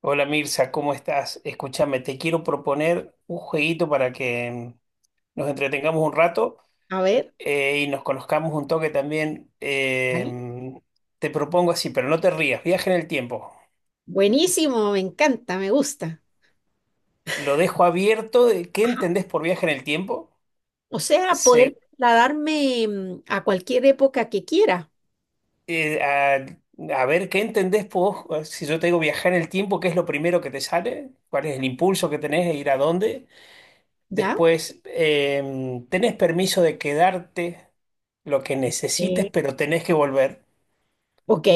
Hola Mirza, ¿cómo estás? Escúchame, te quiero proponer un jueguito para que nos entretengamos un rato A ver, y nos conozcamos un toque también. ¿vale? Te propongo así, pero no te rías, viaje en el tiempo. Buenísimo, me encanta, me gusta. Lo dejo abierto. De ¿Qué Ajá. entendés por viaje en el tiempo? O sea, poder Se- trasladarme a cualquier época que quiera, eh, a, a ver, ¿qué entendés vos? Si yo te digo viajar en el tiempo, ¿qué es lo primero que te sale? ¿Cuál es el impulso que tenés de ir a dónde? ¿ya? Después, tenés permiso de quedarte lo que necesites, Eh, pero tenés que volver. Ok,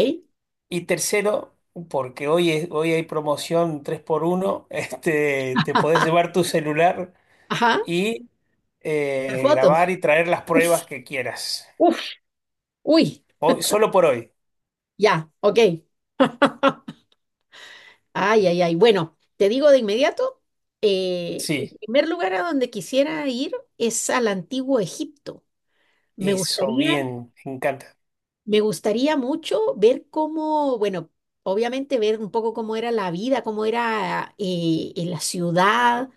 Y tercero, porque hoy, hoy hay promoción tres por uno este, te podés llevar tu celular ajá, y las fotos. grabar y traer las pruebas que quieras. Uf, uy, Solo por hoy. ya, ok. Ay, ay, ay. Bueno, te digo de inmediato, el Sí, primer lugar a donde quisiera ir es al antiguo Egipto. Me eso, gustaría. bien, me encanta. Me gustaría mucho ver cómo, bueno, obviamente ver un poco cómo era la vida, cómo era en la ciudad,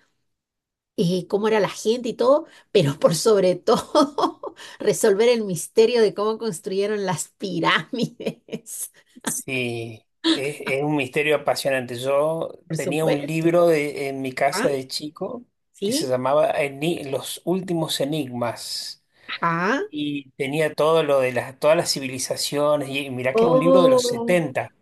cómo era la gente y todo, pero por sobre todo resolver el misterio de cómo construyeron las pirámides. Sí, es un misterio apasionante. Yo Por tenía un supuesto. libro en mi Ajá, casa de chico que se sí, llamaba Los últimos enigmas ajá. y tenía todo lo de todas las civilizaciones y mirá que es un libro de los Oh, setenta.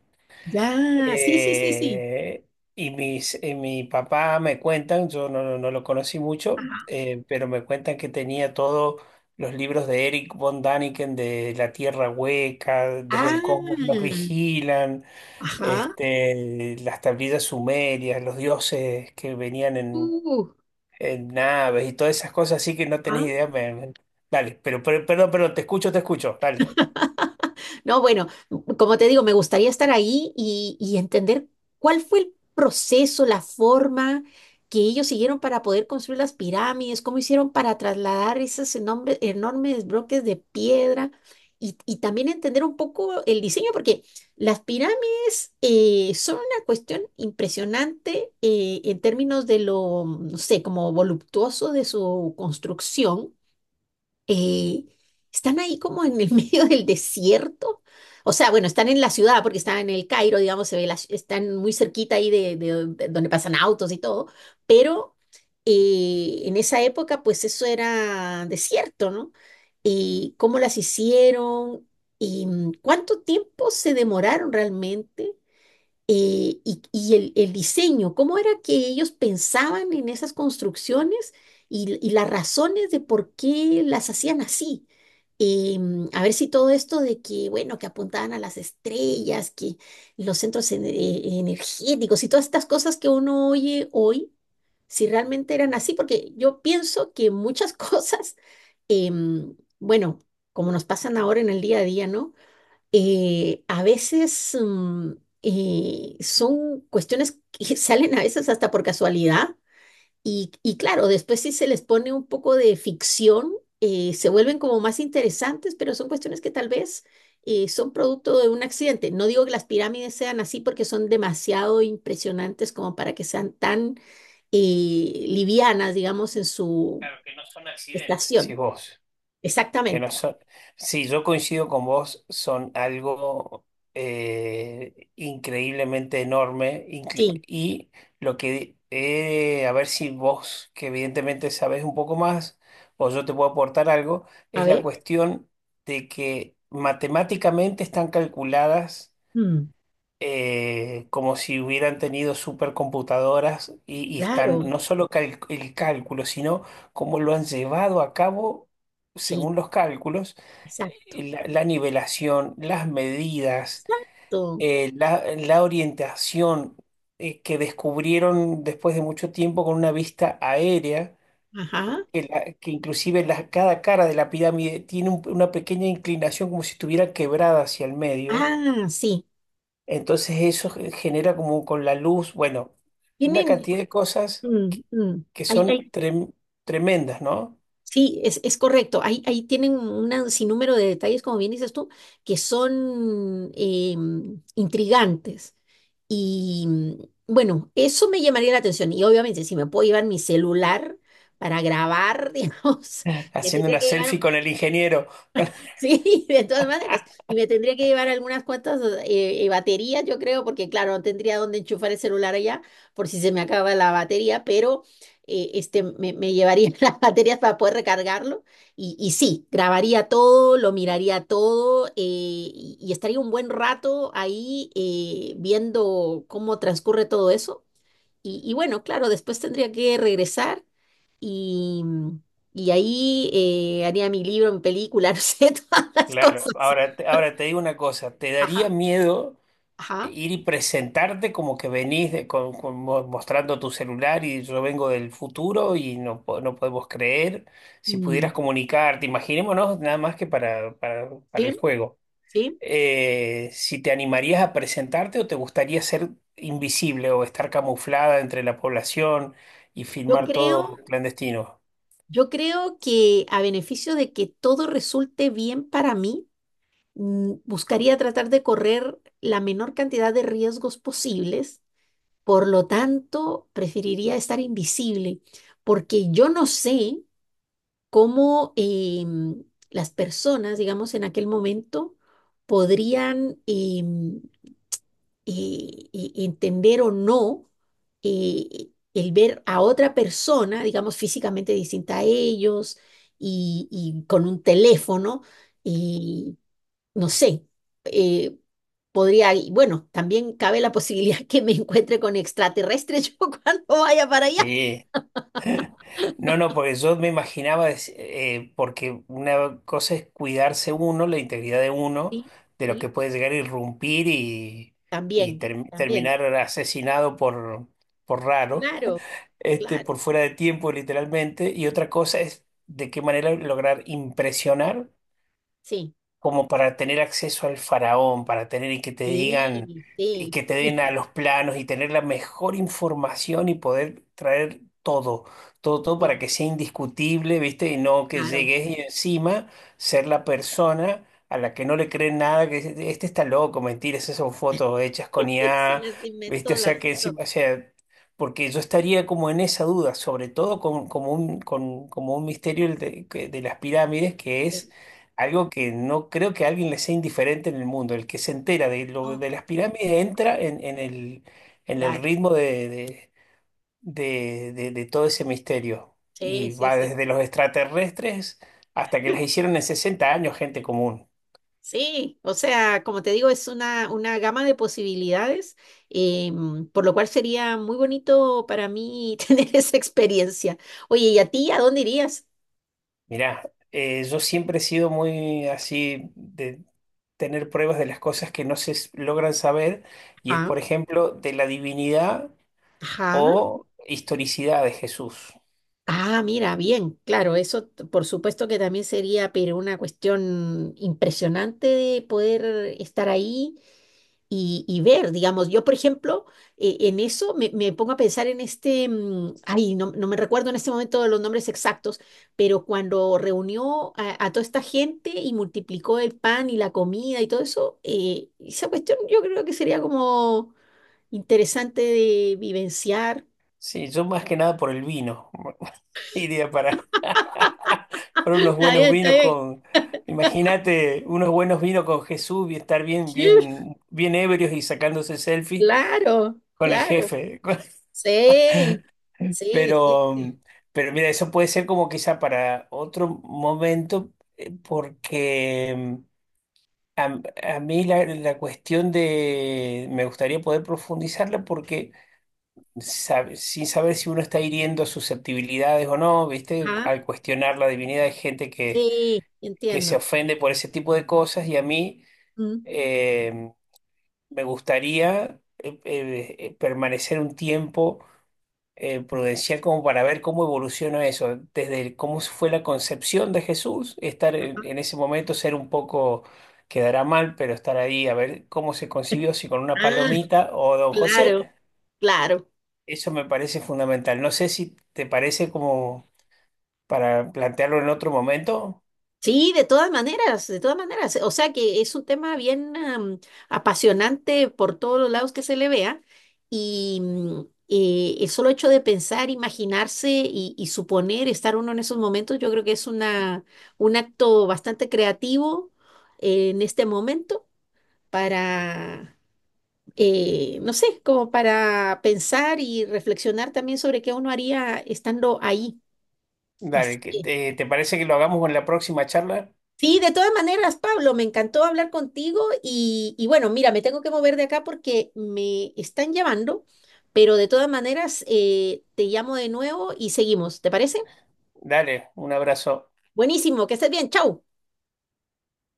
ya, sí, sí, sí, sí. Eh, y mi papá me cuentan, yo no lo conocí mucho, Ajá. Pero me cuentan que tenía todos los libros de Eric von Däniken, de La Tierra Hueca, Desde el Cosmos nos Ah, vigilan, ajá. este, las tablillas sumerias, los dioses que venían Uh, en naves y todas esas cosas, así que no tenés idea. Dale, perdón, perdón, te escucho, dale. ajá. No, bueno, como te digo, me gustaría estar ahí y entender cuál fue el proceso, la forma que ellos siguieron para poder construir las pirámides, cómo hicieron para trasladar esos enormes, enormes bloques de piedra y también entender un poco el diseño, porque las pirámides son una cuestión impresionante en términos de lo, no sé, como voluptuoso de su construcción, eh, están ahí como en el medio del desierto. O sea, bueno, están en la ciudad porque están en el Cairo, digamos, se ve la están muy cerquita ahí de, de donde pasan autos y todo, pero en esa época pues eso era desierto, ¿no? ¿Y cómo las hicieron? ¿Y cuánto tiempo se demoraron realmente? Y el diseño, cómo era que ellos pensaban en esas construcciones y las razones de por qué las hacían así. A ver si todo esto de que, bueno, que apuntaban a las estrellas, que los centros energéticos y todas estas cosas que uno oye hoy, si realmente eran así, porque yo pienso que muchas cosas, em, bueno, como nos pasan ahora en el día a día, ¿no? A veces son cuestiones que salen a veces hasta por casualidad y claro, después si se les pone un poco de ficción, se vuelven como más interesantes, pero son cuestiones que tal vez son producto de un accidente. No digo que las pirámides sean así porque son demasiado impresionantes como para que sean tan livianas, digamos, en su Claro, que no son accidentes. estación. Decís vos. Que no Exactamente. son, sí, yo coincido con vos, son algo increíblemente enorme, Sí, y lo que, a ver si vos, que evidentemente sabés un poco más, o yo te puedo aportar algo, a es la ver. cuestión de que matemáticamente están calculadas, Mm, como si hubieran tenido supercomputadoras, y están claro, no solo el cálculo, sino cómo lo han llevado a cabo sí, según los cálculos, exacto. La nivelación, las medidas, Exacto. La orientación que descubrieron después de mucho tiempo con una vista aérea. Ajá. Que inclusive cada cara de la pirámide tiene una pequeña inclinación como si estuviera quebrada hacia el medio. Ah, sí. Entonces eso genera como con la luz, bueno, una Tienen, cantidad de cosas que mm, mm, hay- son hay- tremendas, ¿no? sí, es correcto. Ahí, ahí tienen un sinnúmero de detalles, como bien dices tú, que son intrigantes. Y bueno, eso me llamaría la atención. Y obviamente, si me puedo llevar mi celular para grabar, digamos, me Haciendo tendría una que selfie llevar. con el ingeniero. Sí, de todas maneras. Y me tendría que llevar algunas cuantas baterías, yo creo, porque claro, no tendría dónde enchufar el celular allá por si se me acaba la batería, pero me llevaría las baterías para poder recargarlo. Y sí, grabaría todo, lo miraría todo y estaría un buen rato ahí viendo cómo transcurre todo eso. Y bueno, claro, después tendría que regresar y, y ahí haría mi libro, mi película, no sé, todas las Claro, cosas. ahora, ahora te digo una cosa, ¿te daría Ajá, miedo ajá. ir y presentarte como que venís mostrando tu celular y yo vengo del futuro y no, no podemos creer si pudieras Mm, comunicarte? Imaginémonos nada más que para el sí, juego. sí. ¿Si te animarías a presentarte o te gustaría ser invisible o estar camuflada entre la población y Yo Mm. filmar creo, todo clandestino? yo creo que a beneficio de que todo resulte bien para mí, buscaría tratar de correr la menor cantidad de riesgos posibles. Por lo tanto, preferiría estar invisible, porque yo no sé cómo las personas, digamos, en aquel momento podrían entender o no el ver a otra persona, digamos, físicamente distinta a ellos, y con un teléfono, y no sé, eh, podría, y bueno, también cabe la posibilidad que me encuentre con extraterrestres yo cuando vaya para allá. Sí. No, no, porque yo me imaginaba, porque una cosa es cuidarse uno, la integridad de uno, Sí, de lo sí, que puede llegar a irrumpir y también, también, terminar asesinado por raro, claro. este, Claro. por fuera de tiempo literalmente, y otra cosa es de qué manera lograr impresionar Sí, como para tener acceso al faraón, para tener y que te digan sí, y sí, que te den a los planos y tener la mejor información y poder traer todo, todo, todo para sí, que sea indiscutible, ¿viste? Y no que claro. llegues y encima ser la persona a la que no le creen nada, que dice, este está loco, mentiras, esas son fotos hechas con Se IA, las ¿viste? inventó, O las sea que hizo. encima, o sea, porque yo estaría como en esa duda, sobre todo con, como un misterio el de de las pirámides, que es algo que no creo que a alguien le sea indiferente en el mundo. El que se entera de lo Inventó, de las pirámides entra en el claro, ritmo de, de todo ese misterio. sí, Y sí, va sí. desde los extraterrestres hasta que las hicieron en 60 años, gente común. Sí, o sea, como te digo, es una gama de posibilidades, por lo cual sería muy bonito para mí tener esa experiencia. Oye, ¿y a ti a dónde irías? Mirá, yo siempre he sido muy así de tener pruebas de las cosas que no se logran saber, y es, Ajá, por ejemplo, de la divinidad ajá. o historicidad de Jesús. Ah, mira, bien, claro, eso por supuesto que también sería, pero una cuestión impresionante de poder estar ahí y ver, digamos, yo por ejemplo, en eso me pongo a pensar en este, mm, ay, no, no me recuerdo en este momento los nombres exactos, pero cuando reunió a toda esta gente y multiplicó el pan y la comida y todo eso, esa cuestión yo creo que sería como interesante de vivenciar. Sí, yo más que nada por el vino. Iría para unos Está buenos bien, está vinos con, imagínate, unos buenos vinos con Jesús y estar bien, bien. bien, bien ebrios y sacándose selfies Claro, con el claro. jefe. Sí, sí, Pero, sí. pero mira, eso puede ser como quizá para otro momento, porque mm, a, a mí la cuestión de, me gustaría poder profundizarla porque sin saber si uno está hiriendo susceptibilidades o no, ¿viste? Ajá, Al cuestionar la divinidad hay gente sí, que entiendo. se ofende por ese tipo de cosas y a mí Mm. eh, me gustaría permanecer un tiempo prudencial como para ver cómo evoluciona eso, cómo fue la concepción de Jesús, estar en ese momento, ser un poco... Quedará mal, pero estar ahí a ver cómo se concibió, si con una Ah, palomita o Don José. claro, claro. Eso me parece fundamental. No sé si te parece como para plantearlo en otro momento. Sí, de todas maneras, de todas maneras. O sea que es un tema bien am, apasionante por todos los lados que se le vea. Y el solo hecho de pensar, imaginarse y suponer estar uno en esos momentos, yo creo que es una, un acto bastante creativo en este momento para no sé, como para pensar y reflexionar también sobre qué uno haría estando ahí. Así Dale, que, ¿te parece que lo hagamos en la próxima charla? sí, de todas maneras, Pablo, me encantó hablar contigo y bueno, mira, me tengo que mover de acá porque me están llamando, pero de todas maneras, te llamo de nuevo y seguimos, ¿te parece? Dale, un abrazo. Buenísimo, que estés bien, chau.